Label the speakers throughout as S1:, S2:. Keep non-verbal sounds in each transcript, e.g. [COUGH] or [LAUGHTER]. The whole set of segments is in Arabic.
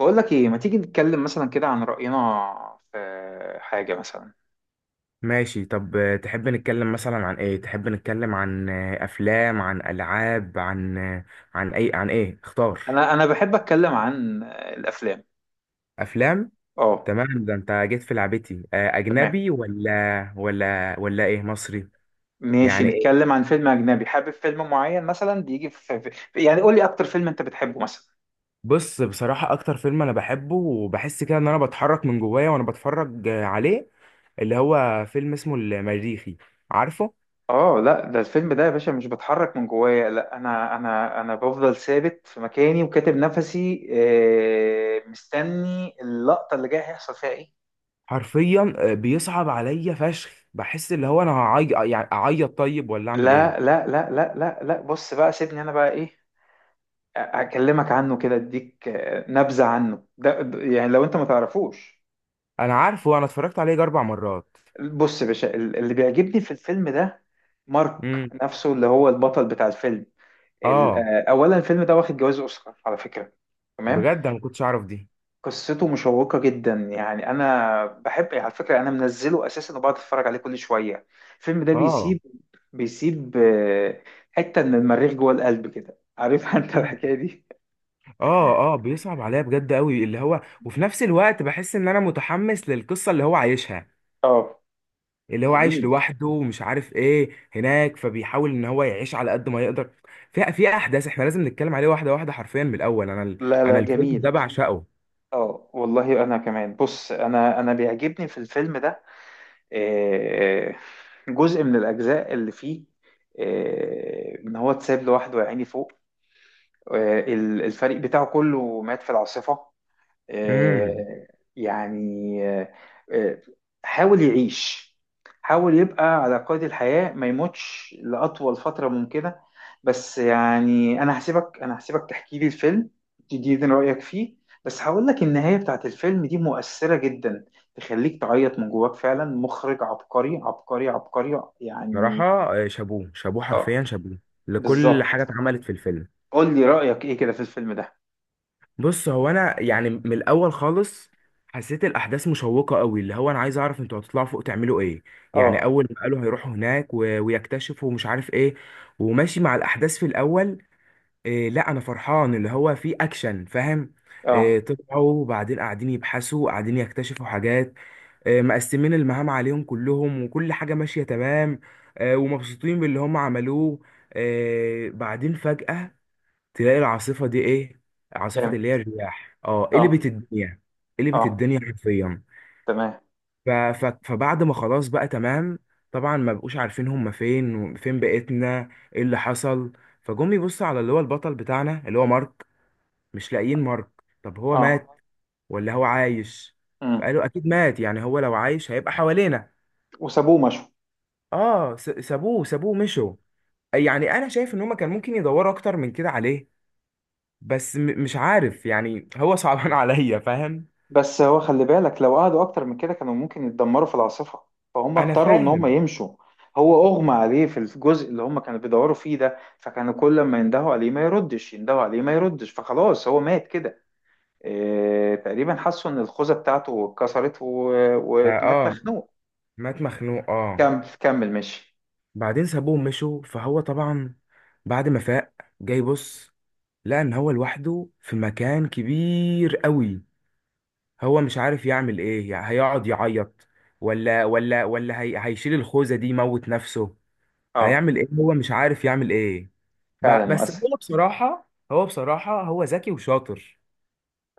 S1: بقول لك ايه، ما تيجي نتكلم مثلا كده عن رأينا في حاجة مثلا.
S2: ماشي، طب، تحب نتكلم مثلا عن ايه؟ تحب نتكلم عن افلام، عن العاب، عن عن اي عن ايه؟ اختار.
S1: انا بحب اتكلم عن الافلام.
S2: افلام.
S1: اه،
S2: تمام، ده انت جيت في لعبتي.
S1: تمام.
S2: اجنبي ولا ايه، مصري؟
S1: ماشي
S2: يعني ايه؟
S1: نتكلم عن فيلم اجنبي. حابب فيلم معين مثلا بيجي يعني قول لي اكتر فيلم انت بتحبه مثلا.
S2: بص، بصراحة اكتر فيلم انا بحبه وبحس كده ان انا بتحرك من جوايا وانا بتفرج عليه، اللي هو فيلم اسمه المريخي. عارفه؟
S1: اه لا، ده الفيلم ده يا باشا مش بتحرك من جوايا، لا انا بفضل ثابت في مكاني وكاتب نفسي مستني اللقطة اللي جايه هيحصل فيها ايه.
S2: حرفيا بيصعب عليا فشخ، بحس اللي هو انا هعيط، يعني اعيط طيب ولا اعمل
S1: لا
S2: ايه؟
S1: لا لا لا لا لا، بص بقى سيبني انا بقى ايه. هكلمك عنه كده اديك نبذة عنه، يعني لو انت ما تعرفوش.
S2: انا عارفه، انا اتفرجت عليه يجي 4 مرات.
S1: بص يا باشا، اللي بيعجبني في الفيلم ده مارك
S2: امم.
S1: نفسه اللي هو البطل بتاع الفيلم.
S2: اه،
S1: اولا الفيلم ده واخد جوائز اوسكار على فكرة. تمام.
S2: بجد انا ما كنتش اعرف دي.
S1: قصته مشوقة جدا، يعني انا بحب على فكرة، انا منزله اساسا وبقعد اتفرج عليه كل شوية. الفيلم ده
S2: اه.
S1: بيسيب، بيسيب حتة من المريخ جوه القلب كده، عارف [LAUGHS] انت
S2: مم.
S1: الحكاية دي.
S2: اه، اه، بيصعب عليا بجد قوي اللي هو، وفي نفس الوقت بحس ان انا متحمس للقصه اللي هو عايشها،
S1: اه،
S2: اللي هو عايش
S1: جميل.
S2: لوحده ومش عارف ايه هناك، فبيحاول ان هو يعيش على قد ما يقدر. في احداث احنا لازم نتكلم عليه واحده واحده حرفيا من الاول.
S1: لا
S2: انا
S1: لا
S2: الفيلم ده
S1: جميل.
S2: بعشقه.
S1: اه والله انا كمان، بص انا بيعجبني في الفيلم ده آه، جزء من الاجزاء اللي فيه، ان هو اتساب لوحده يا عيني فوق. الفريق بتاعه كله مات في العاصفة.
S2: امم.
S1: آه، يعني آه، آه، حاول يعيش، حاول يبقى على قيد الحياة ما يموتش لأطول فترة ممكنة. بس يعني أنا هسيبك تحكي لي الفيلم، تديني رأيك فيه. بس هقول لك النهاية بتاعت الفيلم دي مؤثرة جدا، تخليك تعيط من جواك. فعلا مخرج عبقري عبقري عبقري
S2: صراحه
S1: يعني.
S2: شابوه شابوه
S1: اه
S2: حرفيا شابوه لكل حاجه
S1: بالظبط.
S2: اتعملت في الفيلم.
S1: قول لي رأيك ايه كده في الفيلم ده.
S2: بص، هو انا يعني من الاول خالص حسيت الاحداث مشوقه قوي، اللي هو انا عايز اعرف انتوا هتطلعوا فوق تعملوا ايه. يعني
S1: اه،
S2: اول ما قالوا هيروحوا هناك ويكتشفوا مش عارف ايه، وماشي مع الاحداث في الاول. إيه، لا انا فرحان اللي هو في اكشن، فاهم؟ إيه،
S1: اه،
S2: طلعوا وبعدين قاعدين يبحثوا وقاعدين يكتشفوا حاجات. إيه، مقسمين المهام عليهم كلهم وكل حاجه ماشيه تمام. إيه، ومبسوطين باللي هم عملوه. إيه، بعدين فجاه تلاقي العاصفة دي ايه؟ عاصفة
S1: اه،
S2: اللي هي الرياح،
S1: اه،
S2: قلبت الدنيا. قلبت
S1: آه،
S2: الدنيا حرفيا.
S1: تمام.
S2: فبعد ما خلاص بقى تمام، طبعا ما بقوش عارفين هم فين وفين بقيتنا، ايه اللي حصل. فجم يبصوا على اللي هو البطل بتاعنا اللي هو مارك، مش لاقيين مارك. طب هو
S1: اه.
S2: مات ولا هو عايش؟
S1: مم.
S2: فقالوا اكيد مات، يعني هو لو عايش هيبقى حوالينا.
S1: وسابوه مشوا.
S2: اه، سابوه مشوا. يعني انا شايف ان هم كان ممكن يدوروا اكتر من كده عليه، بس مش عارف، يعني هو صعبان [LAUGHS] عليا، فاهم.
S1: بس هو خلي بالك، لو قعدوا اكتر من كده كانوا ممكن يتدمروا في العاصفة، فهم
S2: انا
S1: اضطروا ان هم
S2: فاهم.
S1: يمشوا. هو اغمى عليه في الجزء اللي هم كانوا بيدوروا فيه ده، فكانوا كل ما يندهوا عليه ما يردش، يندهوا عليه ما يردش، فخلاص هو مات كده. إيه تقريبا حسوا ان الخوذة بتاعته اتكسرت
S2: اه،
S1: ومات مخنوق.
S2: مات مخنوق، اه.
S1: كمل كمل ماشي.
S2: بعدين سابوه ومشوا، فهو طبعا بعد ما فاق، جاي بص، لقى ان هو لوحده في مكان كبير قوي. هو مش عارف يعمل ايه، يعني هيقعد يعيط ولا هي هيشيل الخوذة دي يموت نفسه؟
S1: اه
S2: هيعمل ايه؟ هو مش عارف يعمل ايه.
S1: فعلا
S2: بس
S1: مؤثر.
S2: هو بصراحة، هو ذكي وشاطر.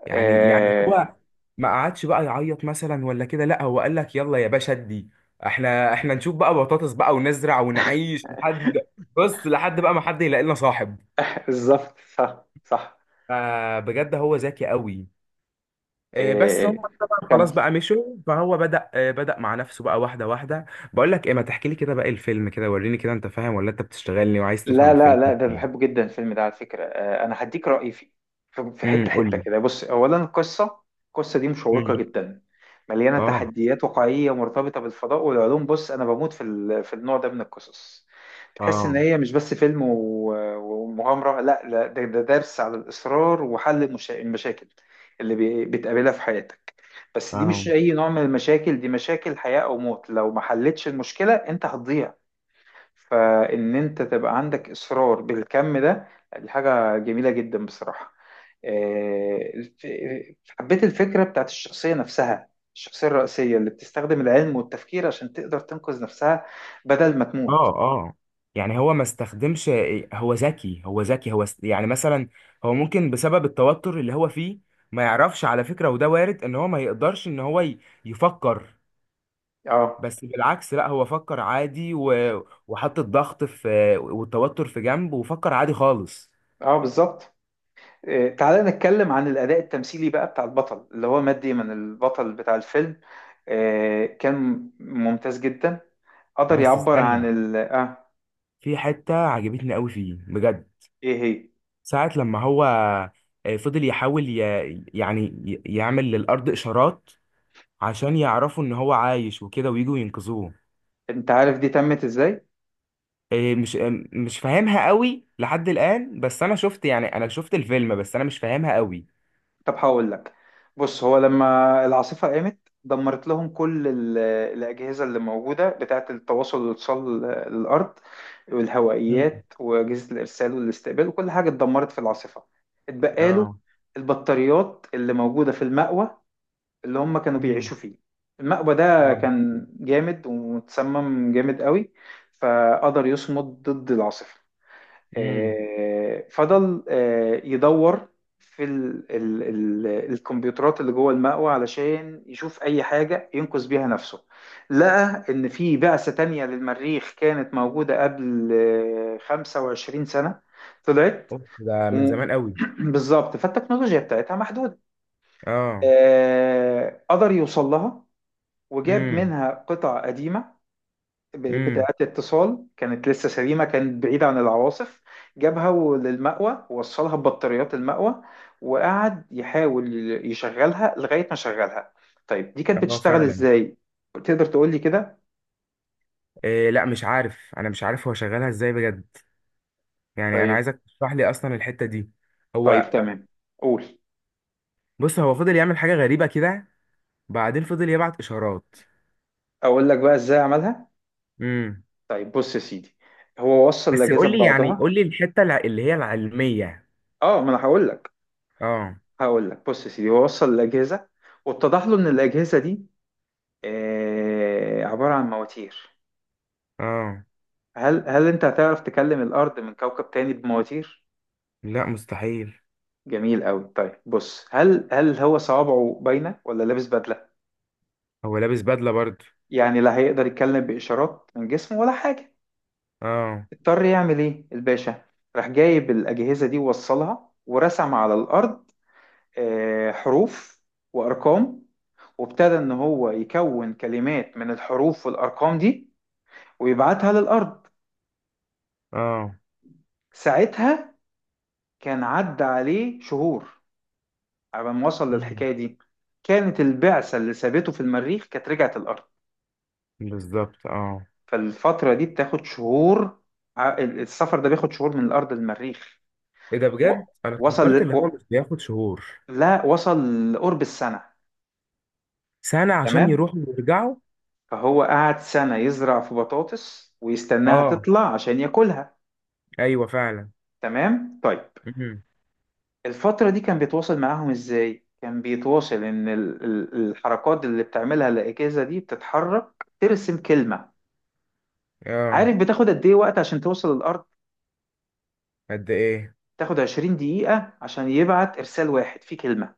S2: يعني
S1: إيه.
S2: هو ما قعدش بقى يعيط مثلا ولا كده، لا هو قال لك يلا يا باشا، ادي احنا نشوف بقى بطاطس بقى، ونزرع ونعيش لحد، بص لحد بقى ما حد يلاقي لنا صاحب.
S1: [LAUGHS] بالظبط، صح صح.
S2: فبجد هو ذكي قوي. بس هم
S1: إيه
S2: طبعا خلاص
S1: كمل.
S2: بقى مشوا، فهو بدأ مع نفسه بقى واحدة واحدة. بقول لك ايه، ما تحكي لي كده باقي الفيلم كده، وريني كده انت فاهم ولا انت بتشتغلني وعايز تفهم
S1: لا لا
S2: الفيلم.
S1: لا، ده بحبه جدا الفيلم ده على فكرة. أنا هديك رأيي فيه في في
S2: امم.
S1: حتة
S2: قول
S1: حتة
S2: لي.
S1: كده. بص أولا القصة، القصة دي مشوقة
S2: امم.
S1: جدا، مليانة
S2: اه.
S1: تحديات واقعية مرتبطة بالفضاء والعلوم. بص أنا بموت في في النوع ده من القصص. تحس إن
S2: اه.
S1: هي مش بس فيلم ومغامرة، لا لا، ده درس على الإصرار وحل المشاكل اللي بتقابلها في حياتك. بس دي مش
S2: اه.
S1: أي نوع من المشاكل، دي مشاكل حياة أو موت، لو ما حلتش المشكلة أنت هتضيع. فإن أنت تبقى عندك إصرار بالكم ده، دي حاجة جميلة جدا بصراحة. آه، الف- حبيت الفكرة بتاعت الشخصية نفسها، الشخصية الرئيسية اللي بتستخدم العلم والتفكير عشان تقدر تنقذ نفسها بدل ما
S2: اه.
S1: تموت.
S2: اه. يعني هو ما استخدمش، هو ذكي، يعني مثلا هو ممكن بسبب التوتر اللي هو فيه ما يعرفش، على فكرة، وده وارد ان هو ما يقدرش ان هو يفكر.
S1: اه
S2: بس بالعكس، لا هو فكر عادي وحط الضغط في والتوتر في جنب، وفكر عادي خالص.
S1: اه بالظبط. تعالى نتكلم عن الأداء التمثيلي بقى بتاع البطل اللي هو مات ديمون، البطل بتاع الفيلم. كان ممتاز جدا، قدر
S2: بس
S1: يعبر عن
S2: استنى،
S1: ال، اه،
S2: في حتة عجبتني قوي فيه بجد،
S1: ايه هي.
S2: ساعة لما هو فضل يحاول يعني يعمل للأرض إشارات عشان يعرفوا ان هو عايش وكده ويجوا ينقذوه.
S1: انت عارف دي تمت ازاي؟
S2: إيه، مش فاهمها قوي لحد الآن، بس أنا شفت، الفيلم، بس أنا مش فاهمها قوي.
S1: طب هقول لك. بص هو لما العاصفة قامت، دمرت لهم كل الأجهزة اللي موجودة بتاعة التواصل والاتصال للأرض،
S2: مم.
S1: والهوائيات وأجهزة الإرسال والاستقبال، وكل حاجة اتدمرت في العاصفة. اتبقى له
S2: اه.
S1: البطاريات اللي موجودة في المأوى اللي هم كانوا
S2: امم.
S1: بيعيشوا فيه. المأوى ده
S2: اه.
S1: كان جامد ومتسمم جامد قوي، فقدر يصمد ضد العاصفة.
S2: امم.
S1: فضل يدور في ال الكمبيوترات اللي جوه المأوى علشان يشوف أي حاجة ينقذ بيها نفسه. لقى إن في بعثة تانية للمريخ كانت موجودة قبل 25 سنة، طلعت
S2: اوف، ده من
S1: و-
S2: زمان قوي.
S1: [CLEARS THROAT] بالظبط، فالتكنولوجيا بتاعتها محدودة.
S2: اه.
S1: قدر يوصل لها، وجاب
S2: امم.
S1: منها قطع قديمة
S2: امم.
S1: بتاعة اتصال، كانت لسه سليمة، كانت بعيدة عن العواصف. جابها للمأوى، ووصلها ببطاريات المأوى، وقعد يحاول يشغلها لغاية ما شغلها. طيب دي كانت
S2: اه،
S1: بتشتغل
S2: فعلا.
S1: ازاي؟ تقدر تقول لي كده؟
S2: إيه لا، مش عارف، هو شغالها ازاي بجد. يعني انا
S1: طيب.
S2: عايزك تشرح لي اصلا الحتة دي.
S1: طيب
S2: هو،
S1: تمام. قول.
S2: بص، هو فضل يعمل حاجة غريبة كده، بعدين فضل يبعت اشارات.
S1: اقول لك بقى ازاي عملها؟
S2: امم.
S1: طيب بص يا سيدي، هو وصل
S2: بس
S1: الأجهزة
S2: قول لي،
S1: ببعضها.
S2: الحتة اللي هي العلمية.
S1: اه، ما انا هقول لك.
S2: اه.
S1: هقول لك بص يا سيدي، هو وصل الأجهزة، واتضح له ان الأجهزة دي عبارة عن مواتير.
S2: اه،
S1: هل انت هتعرف تكلم الارض من كوكب تاني بمواتير؟
S2: لا مستحيل.
S1: جميل قوي. طيب بص، هل هو صوابعه باينه ولا لابس بدله؟
S2: هو لابس بدلة برضه.
S1: يعني لا، هيقدر يتكلم باشارات من جسمه ولا حاجه؟
S2: اه.
S1: اضطر يعمل ايه الباشا، راح جايب الاجهزه دي ووصلها، ورسم على الارض حروف وارقام، وابتدى ان هو يكون كلمات من الحروف والارقام دي، ويبعتها للارض.
S2: اه.
S1: ساعتها كان عدى عليه شهور على ما وصل
S2: مم.
S1: للحكاية دي. كانت البعثة اللي سابته في المريخ كانت رجعت الأرض.
S2: بالظبط. اه.
S1: فالفترة دي بتاخد شهور، السفر ده بياخد شهور من الأرض للمريخ،
S2: ايه ده،
S1: و-
S2: بجد انا
S1: وصل
S2: فكرت اللي
S1: ل...
S2: هو
S1: و...
S2: مش بياخد شهور.
S1: لا وصل لقرب السنة.
S2: سنة عشان
S1: تمام.
S2: يروحوا ويرجعوا.
S1: فهو قعد سنة يزرع في بطاطس ويستناها
S2: اه،
S1: تطلع عشان ياكلها.
S2: ايوه فعلا.
S1: تمام طيب.
S2: امم.
S1: الفترة دي كان بيتواصل معاهم إزاي؟ كان بيتواصل إن الحركات اللي بتعملها الأجهزة دي بتتحرك ترسم كلمة.
S2: اه.
S1: عارف بتاخد قد ايه وقت عشان توصل للارض؟
S2: قد ايه؟
S1: تاخد 20 دقيقة عشان يبعت إرسال واحد فيه كلمة،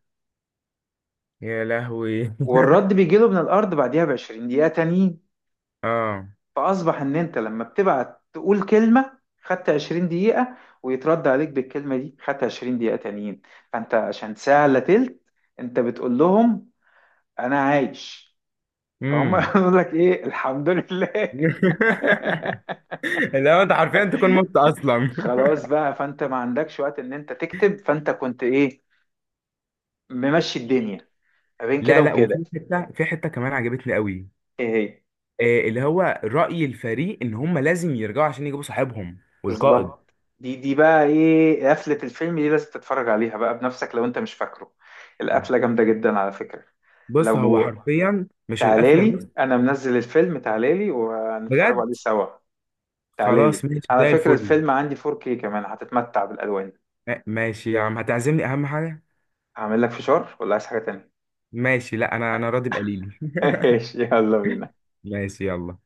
S2: يا لهوي [LAUGHS]
S1: والرد بيجيله من الأرض بعديها ب 20 دقيقة تانيين.
S2: اه.
S1: فأصبح إن أنت لما بتبعت تقول كلمة خدت 20 دقيقة، ويترد عليك بالكلمة دي خدت 20 دقيقة تانيين. فأنت عشان ساعة إلا تلت أنت بتقول لهم أنا عايش، فهم
S2: امم.
S1: [LAUGHS] يقول لك إيه الحمد لله. [LAUGHS]
S2: [LAUGHS] لا انت حرفيا تكون مت اصلا [LAUGHS]
S1: خلاص بقى، فأنت ما عندكش وقت إن أنت تكتب، فأنت كنت إيه، ممشي الدنيا ما بين كده
S2: لا لا،
S1: وكده.
S2: وفي حته، في حته كمان عجبتني قوي.
S1: إيه هي.
S2: اللي هو رأي الفريق ان هم لازم يرجعوا عشان يجيبوا صاحبهم، والقائد.
S1: بالظبط، دي بقى ايه قفلة الفيلم دي، لازم تتفرج عليها بقى بنفسك لو انت مش فاكره. القفلة جامدة جدا على فكرة.
S2: بص هو
S1: لو
S2: حرفيا مش القفله.
S1: تعالالي، انا منزل الفيلم، تعالالي وهنتفرجوا
S2: بجد
S1: عليه سوا. تعالالي،
S2: خلاص، ماشي
S1: على
S2: زي
S1: فكرة
S2: الفل.
S1: الفيلم عندي 4K كمان، هتتمتع بالالوان.
S2: ماشي يا عم، هتعزمني اهم حاجه.
S1: هعمل لك فشار ولا عايز حاجة تانية؟
S2: ماشي، لا انا، راضي بقليلي
S1: [LAUGHS]
S2: [LAUGHS]
S1: ماشي يلا بينا.
S2: ماشي يلا.